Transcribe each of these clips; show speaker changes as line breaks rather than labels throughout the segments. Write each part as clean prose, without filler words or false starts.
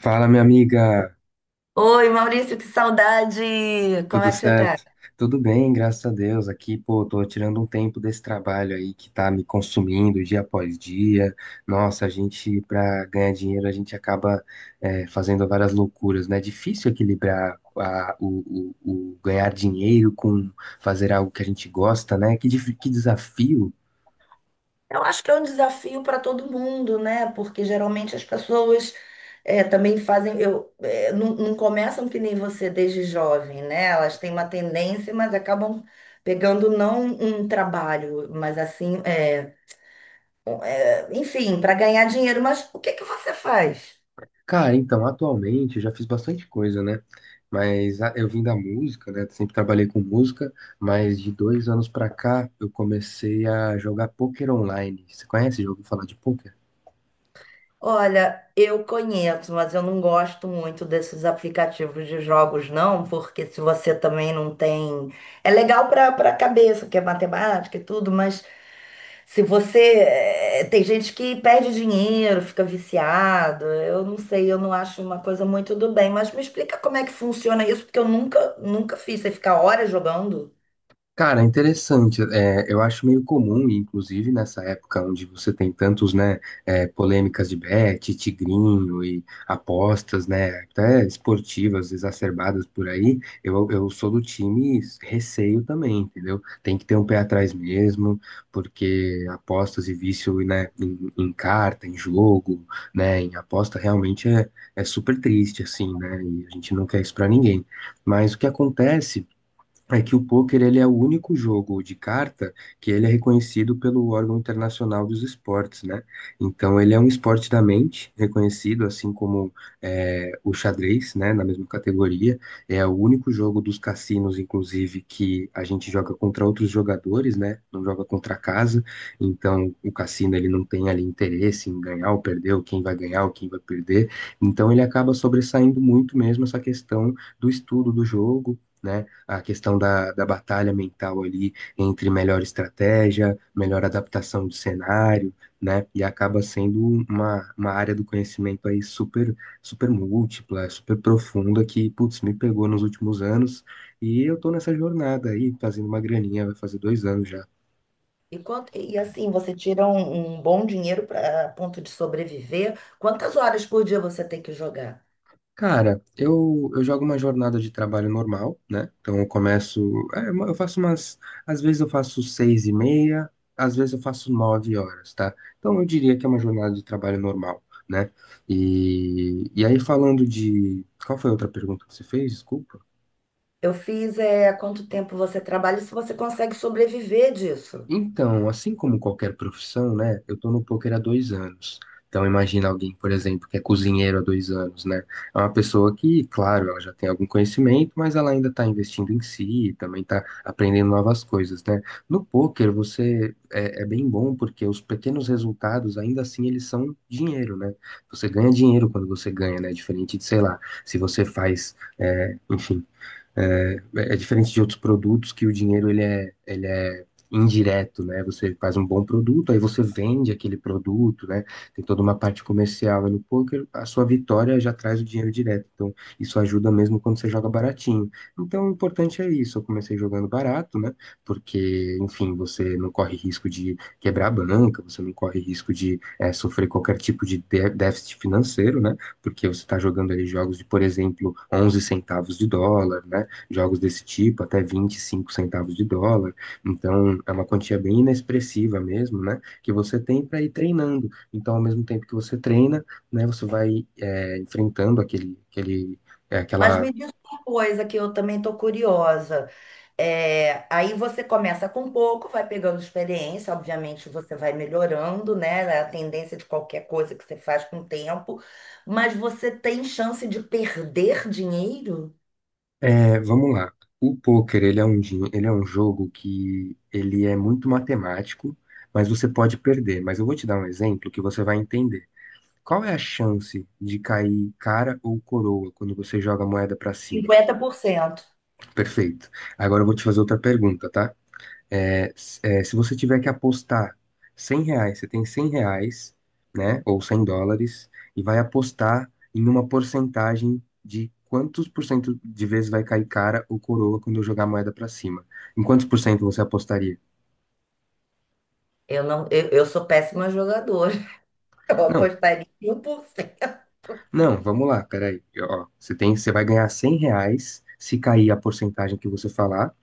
Fala, minha amiga,
Oi, Maurício, que saudade! Como
tudo
é que você tá?
certo? Tudo bem, graças a Deus. Aqui, pô, tô tirando um tempo desse trabalho aí que tá me consumindo dia após dia. Nossa, a gente, pra ganhar dinheiro, a gente acaba, fazendo várias loucuras, né? É difícil equilibrar o ganhar dinheiro com fazer algo que a gente gosta, né? Que desafio.
Eu acho que é um desafio para todo mundo, né? Porque geralmente as pessoas também fazem, eu, eh, não, não começam que nem você desde jovem, né? Elas têm uma tendência, mas acabam pegando não um trabalho, mas assim, enfim, para ganhar dinheiro. Mas o que que você faz?
Cara, então, atualmente eu já fiz bastante coisa, né? Mas eu vim da música, né? Sempre trabalhei com música, mas de 2 anos pra cá eu comecei a jogar poker online. Você conhece? Já ouviu falar de poker?
Olha, eu conheço, mas eu não gosto muito desses aplicativos de jogos, não, porque se você também não tem. É legal para a cabeça, que é matemática e tudo, mas se você. Tem gente que perde dinheiro, fica viciado. Eu não sei, eu não acho uma coisa muito do bem, mas me explica como é que funciona isso, porque eu nunca fiz. Você fica horas jogando.
Cara, interessante. É, eu acho meio comum, inclusive nessa época onde você tem tantos, né, polêmicas de bet, tigrinho e apostas, né, até esportivas exacerbadas por aí. Eu sou do time receio também, entendeu? Tem que ter um pé atrás mesmo, porque apostas e vício, né, em carta, em jogo, né, em aposta realmente é super triste, assim, né, e a gente não quer isso pra ninguém. Mas o que acontece? É que o pôquer ele é o único jogo de carta que ele é reconhecido pelo órgão internacional dos esportes, né? Então ele é um esporte da mente, reconhecido assim como o xadrez, né? Na mesma categoria. É o único jogo dos cassinos, inclusive, que a gente joga contra outros jogadores, né? Não joga contra a casa. Então o cassino ele não tem ali interesse em ganhar ou perder, ou quem vai ganhar ou quem vai perder. Então ele acaba sobressaindo muito mesmo essa questão do estudo do jogo, né? A questão da batalha mental ali entre melhor estratégia, melhor adaptação do cenário, né? E acaba sendo uma área do conhecimento aí super, super múltipla, super profunda que, putz, me pegou nos últimos anos e eu tô nessa jornada aí, fazendo uma graninha, vai fazer 2 anos já.
E, quanto, e assim, você tira um bom dinheiro para ponto de sobreviver. Quantas horas por dia você tem que jogar?
Cara, eu jogo uma jornada de trabalho normal, né? Então eu começo, eu faço umas. Às vezes eu faço seis e meia, às vezes eu faço 9 horas, tá? Então eu diria que é uma jornada de trabalho normal, né? E aí falando de. Qual foi a outra pergunta que você fez? Desculpa.
Eu fiz é, há quanto tempo você trabalha e se você consegue sobreviver disso.
Então, assim como qualquer profissão, né? Eu tô no poker há 2 anos. Então, imagina alguém, por exemplo, que é cozinheiro há 2 anos, né? É uma pessoa que, claro, ela já tem algum conhecimento, mas ela ainda está investindo em si, também está aprendendo novas coisas, né? No poker, você é bem bom porque os pequenos resultados, ainda assim, eles são dinheiro, né? Você ganha dinheiro quando você ganha, né? Diferente de, sei lá, se você faz, enfim. É diferente de outros produtos que o dinheiro ele é indireto, né? Você faz um bom produto, aí você vende aquele produto, né? Tem toda uma parte comercial. E no poker, a sua vitória já traz o dinheiro direto. Então, isso ajuda mesmo quando você joga baratinho. Então, o importante é isso. Eu comecei jogando barato, né? Porque, enfim, você não corre risco de quebrar a banca, você não corre risco de sofrer qualquer tipo de déficit financeiro, né? Porque você está jogando ali jogos de, por exemplo, 11 centavos de dólar, né? Jogos desse tipo, até 25 centavos de dólar. Então, é uma quantia bem inexpressiva mesmo, né? Que você tem para ir treinando. Então, ao mesmo tempo que você treina, né, você vai enfrentando aquele,
Mas
aquela.
me diz uma coisa que eu também estou curiosa. É, aí você começa com pouco, vai pegando experiência, obviamente você vai melhorando, né? É a tendência de qualquer coisa que você faz com o tempo, mas você tem chance de perder dinheiro?
É, vamos lá. O poker, ele é um jogo que ele é muito matemático, mas você pode perder. Mas eu vou te dar um exemplo que você vai entender. Qual é a chance de cair cara ou coroa quando você joga a moeda para cima?
50%?
Perfeito. Agora eu vou te fazer outra pergunta, tá? Se você tiver que apostar R$ 100, você tem R$ 100, né? Ou US$ 100, e vai apostar em uma porcentagem de quantos por cento de vezes vai cair cara ou coroa quando eu jogar a moeda pra cima. Em quantos por cento você apostaria?
Eu não, eu sou péssima jogadora. Eu
Não,
apostaria em 1%.
não, vamos lá, peraí. Ó, você tem, você vai ganhar R$ 100 se cair a porcentagem que você falar,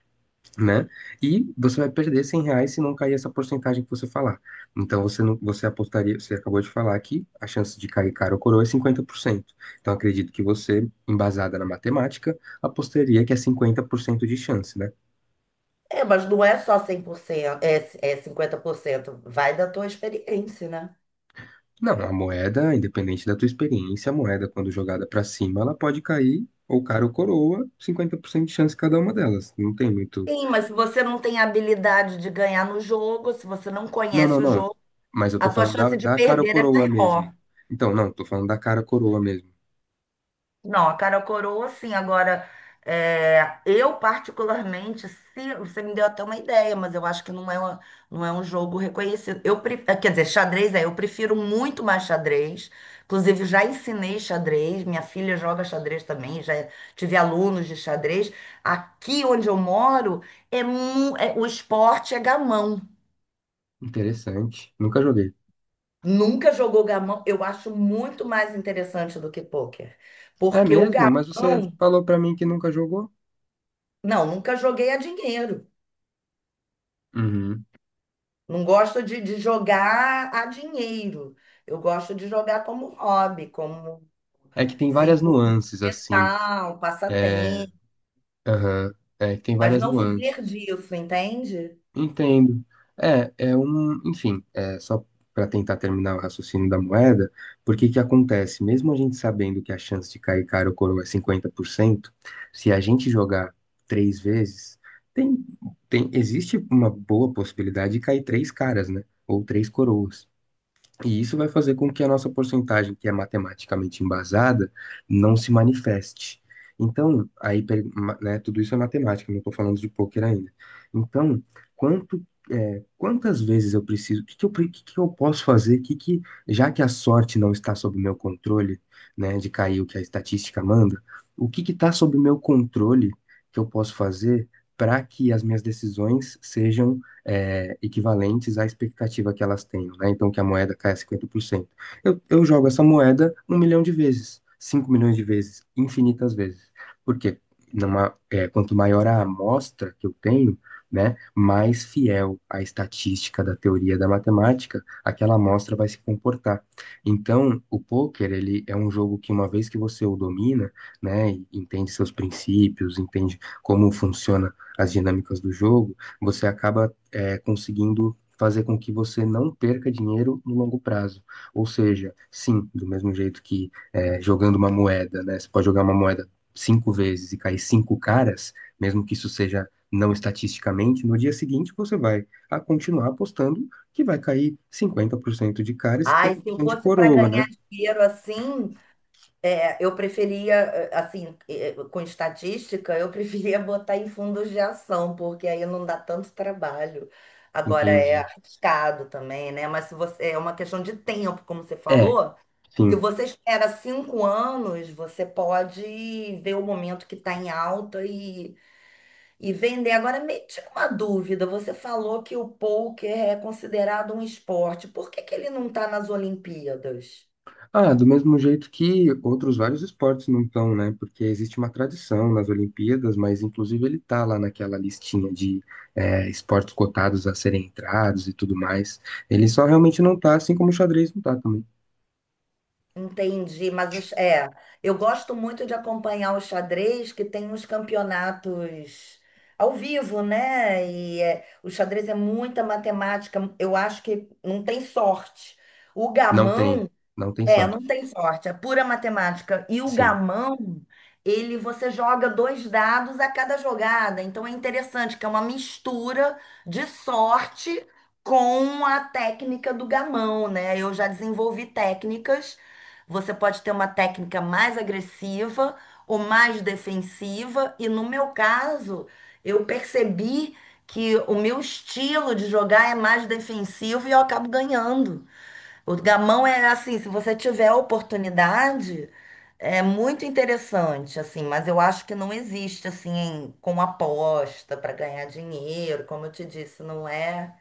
né? E você vai perder R$ 100 se não cair essa porcentagem que você falar. Então você não, você apostaria, você acabou de falar que a chance de cair cara ou coroa é 50%. Então acredito que você, embasada na matemática, apostaria que é 50% de chance, né?
É, mas não é só 100%, é, é 50%. Vai da tua experiência, né?
Não, a moeda, independente da tua experiência, a moeda quando jogada para cima, ela pode cair ou cara ou coroa, 50% de chance cada uma delas. Não tem muito.
Sim, mas se você não tem habilidade de ganhar no jogo, se você não
Não, não,
conhece o
não.
jogo,
Mas eu
a
tô
tua
falando da,
chance de
da cara ou
perder é
coroa mesmo.
maior.
Então, não, tô falando da cara ou coroa mesmo.
Não, a cara coroa, sim. Agora, eu particularmente, se, você me deu até uma ideia, mas eu acho que não é um jogo reconhecido. Quer dizer, xadrez é, eu prefiro muito mais xadrez. Inclusive, já ensinei xadrez, minha filha joga xadrez também, já tive alunos de xadrez. Aqui onde eu moro, o esporte é gamão.
Interessante. Nunca joguei.
Nunca jogou gamão, eu acho muito mais interessante do que pôquer.
É
Porque o
mesmo? Mas você
gamão.
falou pra mim que nunca jogou?
Não, nunca joguei a dinheiro.
Uhum.
Não gosto de jogar a dinheiro. Eu gosto de jogar como hobby, como
É que tem várias
desenvolvimento
nuances, assim.
mental, passatempo,
Aham. É que tem
mas
várias
não
nuances.
viver disso, entende?
Entendo. É um. Enfim, é só pra tentar terminar o raciocínio da moeda, porque que acontece? Mesmo a gente sabendo que a chance de cair cara ou coroa é cinquenta por cento, se a gente jogar três vezes, tem, existe uma boa possibilidade de cair três caras, né? Ou três coroas. E isso vai fazer com que a nossa porcentagem, que é matematicamente embasada, não se manifeste. Então, aí, né, tudo isso é matemática, não estou falando de poker ainda. Então, quanto, quantas vezes eu preciso, o que que eu posso fazer, que, já que a sorte não está sob meu controle, né, de cair o que a estatística manda, o que que está sob meu controle que eu posso fazer para que as minhas decisões sejam equivalentes à expectativa que elas tenham, né? Então, que a moeda caia 50%. Eu jogo essa moeda 1 milhão de vezes, 5 milhões de vezes, infinitas vezes. Porque numa, quanto maior a amostra que eu tenho, né, mais fiel à estatística da teoria da matemática, aquela amostra vai se comportar. Então, o poker, ele é um jogo que uma vez que você o domina, né, e entende seus princípios, entende como funciona as dinâmicas do jogo, você acaba conseguindo fazer com que você não perca dinheiro no longo prazo. Ou seja, sim, do mesmo jeito que jogando uma moeda, né? Você pode jogar uma moeda cinco vezes e cair cinco caras, mesmo que isso seja não estatisticamente, no dia seguinte você vai a continuar apostando que vai cair 50% de cara e
Ai,
cinquenta
se
por
eu
cento de
fosse para
coroa, né?
ganhar dinheiro assim, eu preferia, assim, com estatística, eu preferia botar em fundos de ação, porque aí não dá tanto trabalho. Agora é
Entende?
arriscado também, né? Mas se você, é uma questão de tempo, como você
É,
falou. Se
sim.
você espera 5 anos, você pode ver o momento que está em alta e vender. Agora, me tira uma dúvida. Você falou que o pôquer é considerado um esporte. Por que que ele não está nas Olimpíadas?
Ah, do mesmo jeito que outros vários esportes não estão, né? Porque existe uma tradição nas Olimpíadas, mas inclusive ele tá lá naquela listinha de esportes cotados a serem entrados e tudo mais. Ele só realmente não tá, assim como o xadrez não tá também.
Entendi, mas os, é, eu gosto muito de acompanhar o xadrez, que tem uns campeonatos ao vivo, né? E é, o xadrez é muita matemática. Eu acho que não tem sorte. O
Não tem,
gamão
não tem
é, não
sorte.
tem sorte, é pura matemática. E o
Sim.
gamão, ele você joga dois dados a cada jogada. Então é interessante que é uma mistura de sorte com a técnica do gamão, né? Eu já desenvolvi técnicas. Você pode ter uma técnica mais agressiva ou mais defensiva. E no meu caso, eu percebi que o meu estilo de jogar é mais defensivo e eu acabo ganhando. O gamão é assim, se você tiver a oportunidade, é muito interessante, assim, mas eu acho que não existe assim em- com aposta para ganhar dinheiro, como eu te disse, não é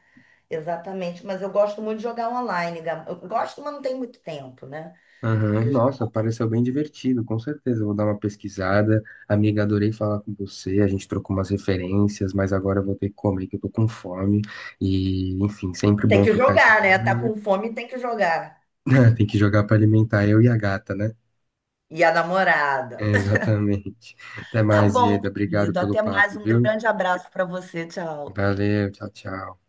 exatamente, mas eu gosto muito de jogar online, eu gosto, mas não tem muito tempo, né?
Aham,
de jo-
nossa, pareceu bem divertido, com certeza. Eu vou dar uma pesquisada. Amiga, adorei falar com você. A gente trocou umas referências, mas agora eu vou ter que comer, que eu tô com fome. E, enfim, sempre
E tem
bom
que
trocar essa.
jogar, né? Tá com fome, tem que jogar.
Tem que jogar pra alimentar eu e a gata, né?
E a namorada.
É, exatamente. Até
Tá
mais,
bom,
Ieda. Obrigado
querido,
pelo
até mais,
papo,
um
viu?
grande abraço para você, tchau.
Valeu, tchau, tchau.